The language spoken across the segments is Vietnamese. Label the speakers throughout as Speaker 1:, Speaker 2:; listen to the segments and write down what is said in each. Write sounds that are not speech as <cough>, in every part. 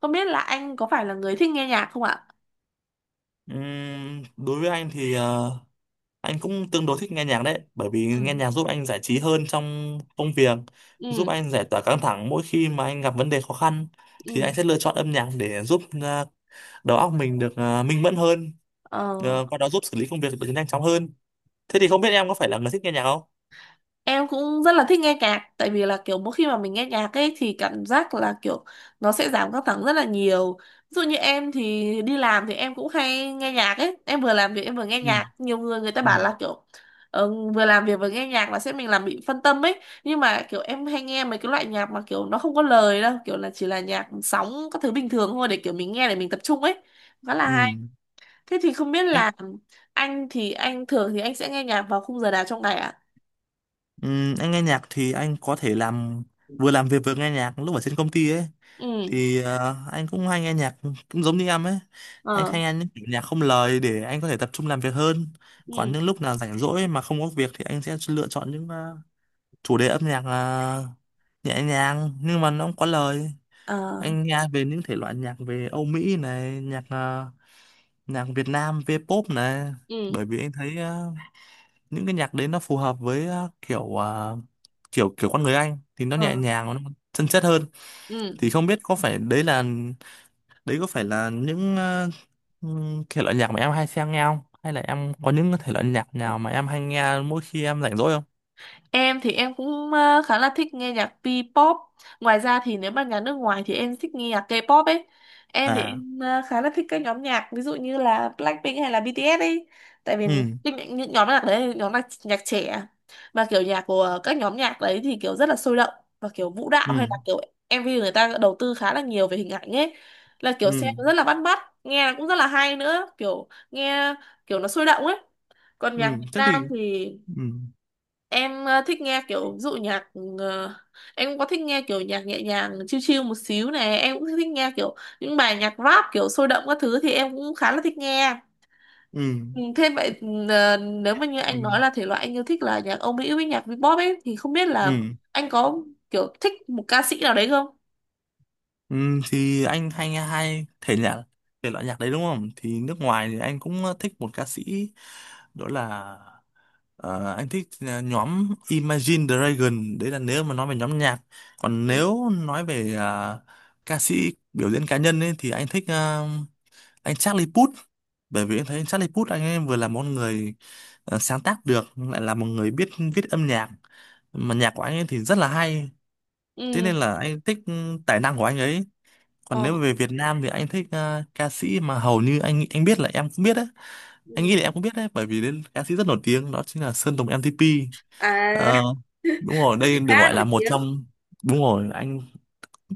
Speaker 1: Không biết là anh có phải là người thích nghe nhạc không ạ?
Speaker 2: Đối với anh thì anh cũng tương đối thích nghe nhạc đấy, bởi vì
Speaker 1: ừ
Speaker 2: nghe nhạc giúp anh giải trí hơn trong công việc, giúp
Speaker 1: ừ
Speaker 2: anh giải tỏa căng thẳng mỗi khi mà anh gặp vấn đề khó khăn thì anh
Speaker 1: ừ
Speaker 2: sẽ lựa chọn âm nhạc để giúp đầu óc mình được minh mẫn hơn,
Speaker 1: Ờ,
Speaker 2: qua đó giúp xử lý công việc được nhanh chóng hơn. Thế thì không biết em có phải là người thích nghe nhạc không?
Speaker 1: em cũng rất là thích nghe nhạc tại vì là kiểu mỗi khi mà mình nghe nhạc ấy thì cảm giác là kiểu nó sẽ giảm căng thẳng rất là nhiều. Ví dụ như em thì đi làm thì em cũng hay nghe nhạc ấy, em vừa làm việc em vừa nghe
Speaker 2: Ừ.
Speaker 1: nhạc. Nhiều người người ta
Speaker 2: Ừ.
Speaker 1: bảo là kiểu vừa làm việc vừa nghe nhạc là sẽ mình làm bị phân tâm ấy. Nhưng mà kiểu em hay nghe mấy cái loại nhạc mà kiểu nó không có lời đâu, kiểu là chỉ là nhạc sóng các thứ bình thường thôi để kiểu mình nghe để mình tập trung ấy. Khá là
Speaker 2: Ừ.
Speaker 1: hay. Thế thì không biết
Speaker 2: Anh,
Speaker 1: là anh thường thì anh sẽ nghe nhạc vào khung giờ nào trong ngày ạ?
Speaker 2: anh nghe nhạc thì anh có thể làm vừa làm việc vừa nghe nhạc lúc ở trên công ty ấy,
Speaker 1: Ừ.
Speaker 2: thì anh cũng hay nghe nhạc cũng giống như em ấy, anh
Speaker 1: ờ
Speaker 2: hay nghe những kiểu nhạc không lời để anh có thể tập trung làm việc hơn. Còn
Speaker 1: Ừ.
Speaker 2: những lúc nào rảnh rỗi mà không có việc thì anh sẽ lựa chọn những chủ đề âm nhạc nhẹ nhàng nhưng mà nó không có lời.
Speaker 1: Ờ.
Speaker 2: Anh nghe về những thể loại nhạc về Âu Mỹ này, nhạc Việt Nam V-pop này,
Speaker 1: Ừ.
Speaker 2: bởi vì anh thấy những cái nhạc đấy nó phù hợp với kiểu ờ, kiểu kiểu con người anh thì nó
Speaker 1: ờ
Speaker 2: nhẹ nhàng, nó chân chất hơn.
Speaker 1: Ừ.
Speaker 2: Thì không biết có phải đấy là Đấy có phải là những thể loại nhạc mà em hay xem nghe không? Hay là em có những thể loại nhạc nào mà em hay nghe mỗi khi em rảnh rỗi không?
Speaker 1: Em thì em cũng khá là thích nghe nhạc P-pop. Ngoài ra thì nếu mà nhạc nước ngoài thì em thích nghe nhạc K-pop ấy. Em thì
Speaker 2: À,
Speaker 1: em khá là thích các nhóm nhạc ví dụ như là Blackpink hay là BTS ấy. Tại vì
Speaker 2: ừ,
Speaker 1: những nhóm nhạc đấy là nhóm nhạc, nhạc trẻ mà kiểu nhạc của các nhóm nhạc đấy thì kiểu rất là sôi động và kiểu vũ đạo hay
Speaker 2: ừ,
Speaker 1: là kiểu MV người ta đầu tư khá là nhiều về hình ảnh ấy. Là kiểu xem
Speaker 2: ừ,
Speaker 1: rất là bắt mắt, nghe cũng rất là hay nữa, kiểu nghe kiểu nó sôi động ấy. Còn
Speaker 2: ừ,
Speaker 1: nhạc Việt
Speaker 2: thế thì,
Speaker 1: Nam thì
Speaker 2: ừ,
Speaker 1: em thích nghe kiểu ví dụ nhạc, ờ, em cũng có thích nghe kiểu nhạc nhẹ nhàng chill chill một xíu này, em cũng thích nghe kiểu những bài nhạc rap kiểu sôi động các thứ thì em cũng khá là thích nghe.
Speaker 2: ừ,
Speaker 1: Ừ, thế vậy nếu mà như
Speaker 2: ừ,
Speaker 1: anh nói là thể loại anh yêu thích là nhạc Âu Mỹ với nhạc pop ấy thì không biết là
Speaker 2: ừ,
Speaker 1: anh có kiểu thích một ca sĩ nào đấy không?
Speaker 2: ừ, thì anh hay nghe hai thể loại nhạc đấy đúng không? Thì nước ngoài thì anh cũng thích một ca sĩ, đó là Ờ, anh thích à, nhóm Imagine Dragon, đấy là nếu mà nói về nhóm nhạc. Còn
Speaker 1: Ừ.
Speaker 2: nếu nói về ca sĩ biểu diễn cá nhân ấy, thì anh thích anh Charlie Puth, bởi vì em thấy Charlie Puth anh ấy vừa là một người sáng tác được, lại là một người biết viết âm nhạc, mà nhạc của anh ấy thì rất là hay, thế
Speaker 1: Ừ.
Speaker 2: nên là anh thích tài năng của anh ấy. Còn
Speaker 1: Ờ.
Speaker 2: nếu về Việt Nam thì anh thích ca sĩ mà hầu như anh biết là em cũng biết đấy, anh
Speaker 1: Ừ.
Speaker 2: nghĩ là em cũng biết đấy bởi vì đến ca sĩ rất nổi tiếng đó chính là Sơn Tùng M-TP.
Speaker 1: À,
Speaker 2: Ờ, Đúng rồi, đây
Speaker 1: <laughs>
Speaker 2: được
Speaker 1: ca
Speaker 2: gọi là
Speaker 1: nổi
Speaker 2: một
Speaker 1: tiếng.
Speaker 2: trong, đúng rồi, anh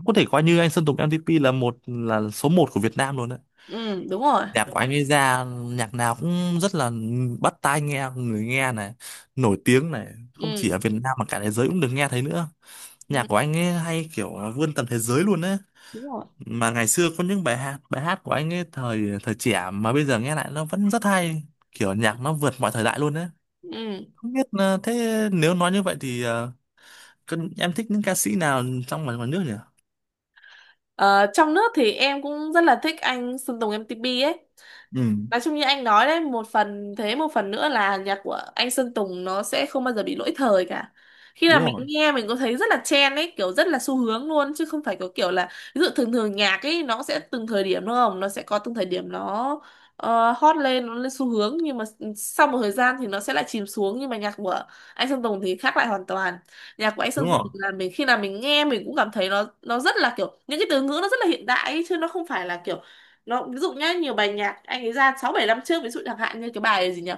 Speaker 2: có thể coi như anh Sơn Tùng MTP là số một của Việt Nam luôn đấy.
Speaker 1: Ừ, đúng rồi.
Speaker 2: Nhạc của anh ấy ra nhạc nào cũng rất là bắt tai, nghe người nghe này, nổi tiếng này, không
Speaker 1: Ừ.
Speaker 2: chỉ ở Việt Nam mà cả thế giới cũng được nghe thấy nữa.
Speaker 1: Ừ,
Speaker 2: Nhạc của anh ấy hay kiểu là vươn tầm thế giới luôn đấy,
Speaker 1: đúng rồi.
Speaker 2: mà ngày xưa có những bài hát của anh ấy thời thời trẻ mà bây giờ nghe lại nó vẫn rất hay, kiểu nhạc nó vượt mọi thời đại luôn đấy.
Speaker 1: Ừ.
Speaker 2: Không biết thế nếu nói như vậy thì còn em thích những ca sĩ nào trong và ngoài nước nhỉ?
Speaker 1: Ờ, trong nước thì em cũng rất là thích anh Sơn Tùng M-TP ấy.
Speaker 2: Ừ.
Speaker 1: Nói chung như anh nói đấy, một phần thế, một phần nữa là nhạc của anh Sơn Tùng nó sẽ không bao giờ bị lỗi thời cả. Khi là
Speaker 2: Đúng
Speaker 1: mình
Speaker 2: rồi.
Speaker 1: nghe mình có thấy rất là trend ấy, kiểu rất là xu hướng luôn chứ không phải có kiểu là ví dụ thường thường nhạc ấy nó sẽ từng thời điểm đúng không? Nó sẽ có từng thời điểm nó hot lên, nó lên xu hướng nhưng mà sau một thời gian thì nó sẽ lại chìm xuống nhưng mà nhạc của anh Sơn Tùng thì khác lại hoàn toàn. Nhạc của anh
Speaker 2: Đúng
Speaker 1: Sơn Tùng
Speaker 2: rồi,
Speaker 1: là mình khi nào mình nghe mình cũng cảm thấy nó rất là kiểu những cái từ ngữ nó rất là hiện đại ấy, chứ nó không phải là kiểu nó ví dụ nhá. Nhiều bài nhạc anh ấy ra sáu bảy năm trước ví dụ chẳng hạn như cái bài gì nhỉ,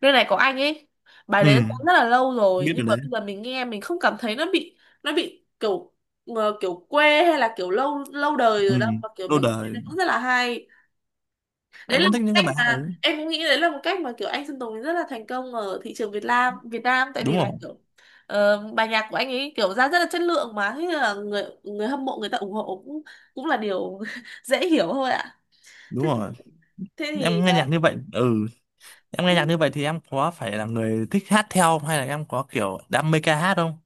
Speaker 1: nơi này có anh ấy, bài
Speaker 2: ừ,
Speaker 1: đấy nó rất là lâu rồi
Speaker 2: biết
Speaker 1: nhưng
Speaker 2: điều
Speaker 1: mà
Speaker 2: đấy.
Speaker 1: bây giờ mình nghe mình không cảm thấy nó bị kiểu kiểu quê hay là kiểu lâu lâu đời
Speaker 2: Ừ,
Speaker 1: rồi đâu mà kiểu
Speaker 2: lâu
Speaker 1: mình nghe
Speaker 2: đời.
Speaker 1: nó cũng rất là hay. Đấy
Speaker 2: Anh
Speaker 1: là
Speaker 2: cũng
Speaker 1: một
Speaker 2: thích những cái
Speaker 1: cách
Speaker 2: bài hát
Speaker 1: mà
Speaker 2: đấy.
Speaker 1: em cũng nghĩ đấy là một cách mà kiểu anh Sơn Tùng rất là thành công ở thị trường Việt Nam tại vì
Speaker 2: Đúng
Speaker 1: là
Speaker 2: rồi.
Speaker 1: kiểu bài nhạc của anh ấy kiểu ra rất là chất lượng mà thế là người người hâm mộ người ta ủng hộ cũng cũng là điều <laughs> dễ hiểu thôi ạ.
Speaker 2: Đúng
Speaker 1: thế, thì-
Speaker 2: rồi.
Speaker 1: Thế thì
Speaker 2: Em nghe nhạc như vậy, ừ, em nghe nhạc như vậy thì em có phải là người thích hát theo không? Hay là em có kiểu đam mê ca hát không?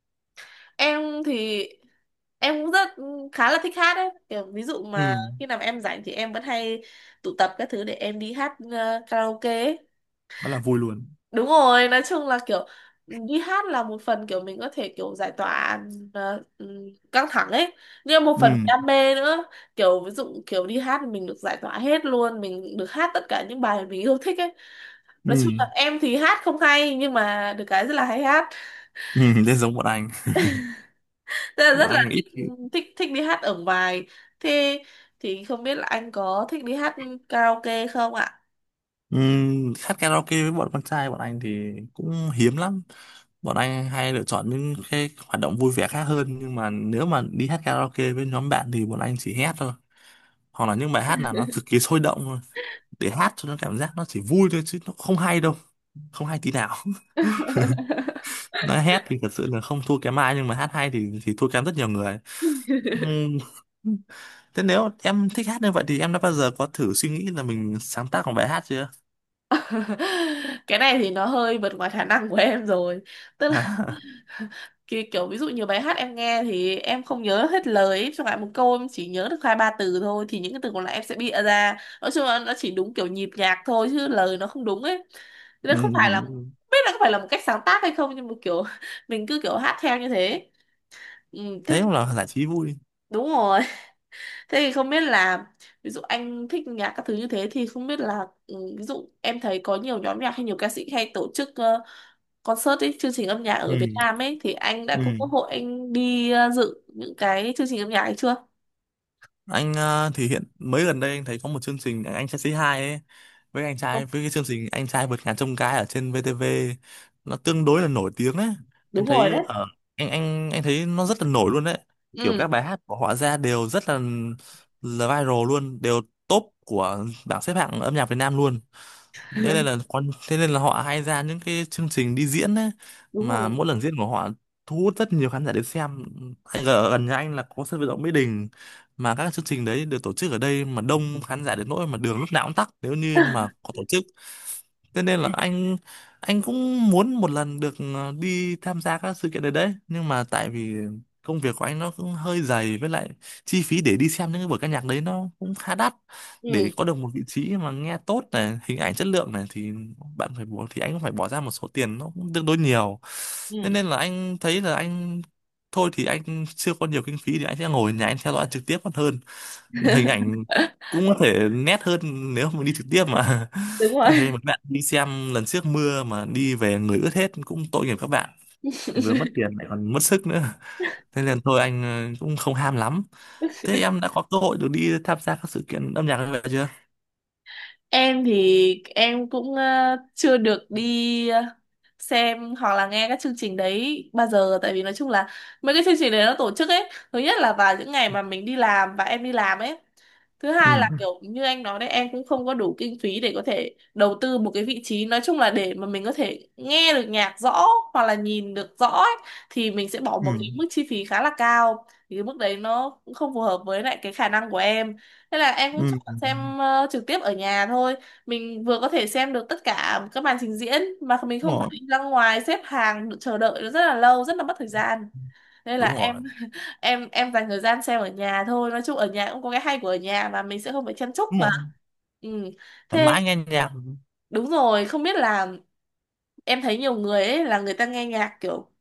Speaker 1: em thì em cũng rất khá là thích hát đấy kiểu ví dụ
Speaker 2: Ừ,
Speaker 1: mà khi nào mà em rảnh thì em vẫn hay tụ tập các thứ để em đi hát karaoke ấy.
Speaker 2: quá là vui luôn.
Speaker 1: Đúng rồi, nói chung là kiểu đi hát là một phần kiểu mình có thể kiểu giải tỏa ờ, ừ, căng thẳng ấy, nhưng một
Speaker 2: Ừ,
Speaker 1: phần đam mê nữa, kiểu ví dụ kiểu đi hát thì mình được giải tỏa hết luôn mình được hát tất cả những bài mình yêu thích ấy.
Speaker 2: ừ,
Speaker 1: Nói chung là em thì hát không hay nhưng mà được cái rất là hay hát,
Speaker 2: ừ. <laughs> Nên giống
Speaker 1: rất
Speaker 2: bọn
Speaker 1: là
Speaker 2: anh
Speaker 1: thích,
Speaker 2: ít khi.
Speaker 1: thích đi hát ở ngoài. Thế thì không biết là anh có thích đi hát karaoke không ạ?
Speaker 2: Hát karaoke với bọn con trai bọn anh thì cũng hiếm lắm, bọn anh hay lựa chọn những cái hoạt động vui vẻ khác hơn, nhưng mà nếu mà đi hát karaoke với nhóm bạn thì bọn anh chỉ hét thôi, hoặc là những bài hát nào nó cực kỳ sôi động thôi, để hát cho nó cảm giác nó chỉ vui thôi chứ nó không hay đâu, không hay tí nào. <laughs> Nói hét thì thật sự là không thua kém ai nhưng mà hát hay thì thua kém rất nhiều người. Ừm, <laughs> Thế nếu em thích hát như vậy thì em đã bao giờ có thử suy nghĩ là mình sáng tác một bài hát chưa?
Speaker 1: <laughs> Cái này thì nó hơi vượt ngoài khả năng của em rồi, tức
Speaker 2: <laughs>
Speaker 1: kiểu, kiểu ví dụ nhiều bài hát em nghe thì em không nhớ hết lời ấy. Chẳng hạn một câu em chỉ nhớ được hai ba từ thôi thì những cái từ còn lại em sẽ bịa ra, nói chung là nó chỉ đúng kiểu nhịp nhạc thôi chứ lời nó không đúng ấy. Thế nên không phải là không
Speaker 2: Ừm,
Speaker 1: biết là có phải là một cách sáng tác hay không nhưng mà kiểu <laughs> mình cứ kiểu hát theo như thế. ừ, Thế
Speaker 2: Thế cũng là giải trí vui.
Speaker 1: đúng rồi. Thế thì không biết là ví dụ anh thích nhạc các thứ như thế thì không biết là ví dụ em thấy có nhiều nhóm nhạc hay nhiều ca sĩ hay tổ chức concert ấy, chương trình âm nhạc ở Việt
Speaker 2: Ừ,
Speaker 1: Nam ấy thì anh đã
Speaker 2: ừ,
Speaker 1: có cơ hội anh đi dự những cái chương trình âm nhạc ấy chưa?
Speaker 2: anh thì hiện mới gần đây anh thấy có một chương trình anh trai Say Hi ấy,
Speaker 1: Vâng.
Speaker 2: với cái chương trình anh trai vượt ngàn chông gai ở trên VTV, nó tương đối là nổi tiếng ấy.
Speaker 1: Đúng
Speaker 2: em
Speaker 1: rồi
Speaker 2: thấy
Speaker 1: đấy.
Speaker 2: ở anh anh anh thấy nó rất là nổi luôn đấy, kiểu
Speaker 1: Ừ,
Speaker 2: các bài hát của họ ra đều rất là viral luôn, đều top của bảng xếp hạng âm nhạc Việt Nam luôn, thế nên là họ hay ra những cái chương trình đi diễn ấy,
Speaker 1: đúng
Speaker 2: mà
Speaker 1: rồi.
Speaker 2: mỗi lần diễn của họ thu hút rất nhiều khán giả đến xem. Anh ở gần nhà anh là có sân vận động Mỹ Đình, mà các chương trình đấy được tổ chức ở đây mà đông khán giả đến nỗi mà đường lúc nào cũng tắc nếu như mà
Speaker 1: <laughs>
Speaker 2: có tổ chức, thế nên là anh cũng muốn một lần được đi tham gia các sự kiện đấy đấy, nhưng mà tại vì công việc của anh nó cũng hơi dày, với lại chi phí để đi xem những cái buổi ca nhạc đấy nó cũng khá đắt, để
Speaker 1: Ừ,
Speaker 2: có được một vị trí mà nghe tốt này, hình ảnh chất lượng này thì bạn phải bỏ thì anh cũng phải bỏ ra một số tiền nó cũng tương đối nhiều, nên nên
Speaker 1: ừ.
Speaker 2: là anh thấy là anh thôi thì anh chưa có nhiều kinh phí thì anh sẽ ngồi ở nhà anh theo dõi trực tiếp còn hơn, hình ảnh cũng có thể nét hơn, nếu mà đi trực tiếp mà
Speaker 1: Đúng
Speaker 2: <laughs> anh thấy
Speaker 1: rồi.
Speaker 2: một bạn đi xem lần trước mưa mà đi về người ướt hết cũng tội nghiệp các bạn, vừa mất tiền lại còn mất sức nữa, thế nên thôi anh cũng không ham lắm. Thế em đã có cơ hội được đi tham gia các sự kiện âm nhạc như vậy chưa?
Speaker 1: Em thì em cũng chưa được đi xem hoặc là nghe các chương trình đấy bao giờ tại vì nói chung là mấy cái chương trình đấy nó tổ chức ấy thứ nhất là vào những ngày mà mình đi làm và em đi làm ấy, thứ
Speaker 2: Ừ.
Speaker 1: hai là kiểu như anh nói đấy, em cũng không có đủ kinh phí để có thể đầu tư một cái vị trí nói chung là để mà mình có thể nghe được nhạc rõ hoặc là nhìn được rõ ấy, thì mình sẽ bỏ một
Speaker 2: Ừ.
Speaker 1: cái mức chi phí khá là cao thì cái mức đấy nó cũng không phù hợp với lại cái khả năng của em. Nên là em cũng
Speaker 2: Ừ.
Speaker 1: chọn
Speaker 2: Ừ.
Speaker 1: xem trực tiếp ở nhà thôi, mình vừa có thể xem được tất cả các màn trình diễn mà mình
Speaker 2: Đúng
Speaker 1: không phải
Speaker 2: rồi.
Speaker 1: đi ra ngoài xếp hàng chờ đợi nó rất là lâu rất là mất thời gian. Nên là
Speaker 2: Đúng rồi.
Speaker 1: em <laughs> em dành thời gian xem ở nhà thôi, nói chung ở nhà cũng có cái hay của ở nhà mà mình sẽ không phải chen chúc
Speaker 2: Đúng
Speaker 1: mà.
Speaker 2: rồi.
Speaker 1: ừ
Speaker 2: Thoải
Speaker 1: Thế
Speaker 2: mái ngang nhau.
Speaker 1: đúng rồi, không biết là em thấy nhiều người ấy là người ta nghe nhạc kiểu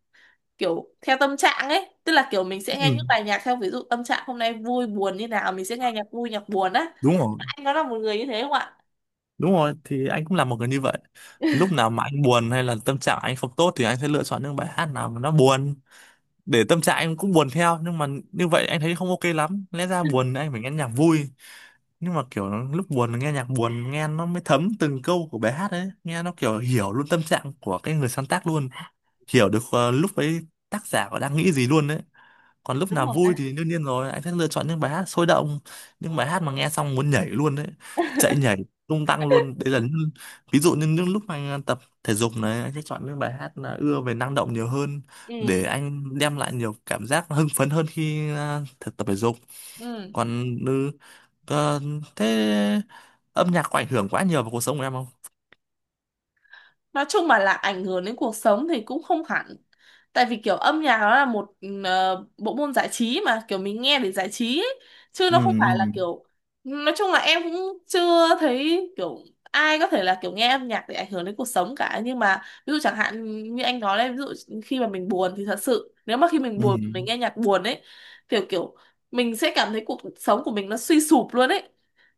Speaker 1: kiểu theo tâm trạng ấy, tức là kiểu mình sẽ
Speaker 2: Ừ.
Speaker 1: nghe những bài nhạc theo ví dụ tâm trạng hôm nay vui buồn như nào mình sẽ nghe nhạc vui nhạc buồn á,
Speaker 2: Đúng rồi.
Speaker 1: anh có là một người như thế không ạ?
Speaker 2: Đúng rồi, thì anh cũng là một người như vậy, lúc nào mà anh buồn hay là tâm trạng anh không tốt thì anh sẽ lựa chọn những bài hát nào mà nó buồn, để tâm trạng anh cũng buồn theo, nhưng mà như vậy anh thấy không ok lắm, lẽ ra buồn anh phải nghe nhạc vui, nhưng mà kiểu lúc buồn nghe nhạc buồn nghe nó mới thấm từng câu của bài hát ấy, nghe nó kiểu hiểu luôn tâm trạng của cái người sáng tác luôn, hiểu được lúc ấy tác giả có đang nghĩ gì luôn đấy. Còn lúc
Speaker 1: Đúng
Speaker 2: nào
Speaker 1: rồi
Speaker 2: vui
Speaker 1: đấy.
Speaker 2: thì đương nhiên rồi anh sẽ lựa chọn những bài hát sôi động, những bài hát mà nghe xong muốn nhảy luôn đấy, chạy nhảy tung tăng luôn, đấy là những, ví dụ như những lúc mà anh tập thể dục này anh sẽ chọn những bài hát là ưa về năng động nhiều hơn, để
Speaker 1: ừ
Speaker 2: anh đem lại nhiều cảm giác hưng phấn hơn khi thực tập thể dục.
Speaker 1: ừ
Speaker 2: Còn ờ, thế âm nhạc có ảnh hưởng quá nhiều vào cuộc sống của em không?
Speaker 1: nói chung mà là ảnh hưởng đến cuộc sống thì cũng không hẳn, tại vì kiểu âm nhạc nó là một bộ môn giải trí mà kiểu mình nghe để giải trí ấy, chứ nó không phải là
Speaker 2: Ừ,
Speaker 1: kiểu. Nói chung là em cũng chưa thấy kiểu ai có thể là kiểu nghe âm nhạc để ảnh hưởng đến cuộc sống cả, nhưng mà ví dụ chẳng hạn như anh nói đấy, ví dụ khi mà mình buồn thì thật sự nếu mà khi mình
Speaker 2: ừ,
Speaker 1: buồn
Speaker 2: ừ,
Speaker 1: mình nghe nhạc buồn ấy, kiểu kiểu mình sẽ cảm thấy cuộc sống của mình nó suy sụp luôn ấy.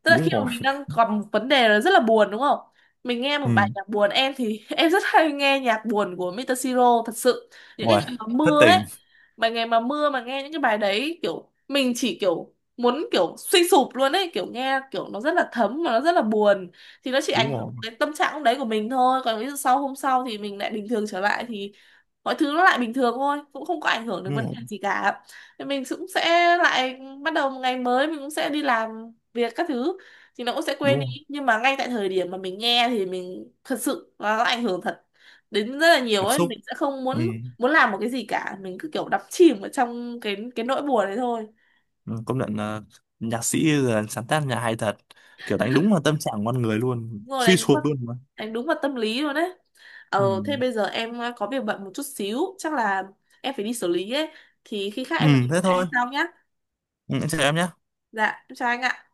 Speaker 1: Tức là
Speaker 2: đúng
Speaker 1: khi mà
Speaker 2: rồi.
Speaker 1: mình đang gặp một vấn đề nó rất là buồn đúng không, mình nghe một
Speaker 2: Ừ,
Speaker 1: bài nhạc buồn, em thì <laughs> em rất hay nghe nhạc buồn của Mr. Siro thật sự những cái
Speaker 2: rồi,
Speaker 1: ngày mà
Speaker 2: thất
Speaker 1: mưa ấy,
Speaker 2: tình.
Speaker 1: bài ngày mà mưa mà nghe những cái bài đấy kiểu mình chỉ kiểu muốn kiểu suy sụp luôn ấy, kiểu nghe kiểu nó rất là thấm mà nó rất là buồn. Thì nó chỉ
Speaker 2: Đúng
Speaker 1: ảnh hưởng
Speaker 2: rồi.
Speaker 1: đến tâm trạng lúc đấy của mình thôi, còn ví dụ sau hôm sau thì mình lại bình thường trở lại thì mọi thứ nó lại bình thường thôi, cũng không có ảnh hưởng đến
Speaker 2: Đúng
Speaker 1: vấn đề
Speaker 2: rồi.
Speaker 1: gì cả. Thì mình cũng sẽ lại bắt đầu một ngày mới mình cũng sẽ đi làm việc các thứ thì nó cũng sẽ quên
Speaker 2: Đúng
Speaker 1: đi,
Speaker 2: rồi,
Speaker 1: nhưng mà ngay tại thời điểm mà mình nghe thì mình thật sự nó ảnh hưởng thật đến rất là nhiều
Speaker 2: cảm
Speaker 1: ấy,
Speaker 2: xúc.
Speaker 1: mình sẽ không
Speaker 2: Ừ.
Speaker 1: muốn muốn làm một cái gì cả, mình cứ kiểu đắm chìm ở trong cái nỗi buồn đấy thôi.
Speaker 2: Ừ, công nhận là nhạc sĩ là sáng tác nhà hay thật, kiểu đánh đúng vào tâm trạng con người luôn,
Speaker 1: Đúng rồi,
Speaker 2: suy sụp luôn mà.
Speaker 1: đánh đúng vào tâm lý luôn đấy. ờ
Speaker 2: Ừ.
Speaker 1: Thế bây giờ em có việc bận một chút xíu chắc là em phải đi xử lý ấy, thì khi khác
Speaker 2: Ừ,
Speaker 1: em nói chuyện
Speaker 2: thế
Speaker 1: với anh
Speaker 2: thôi.
Speaker 1: sau nhá.
Speaker 2: Ừ, em chào em nhé.
Speaker 1: Dạ em chào anh ạ.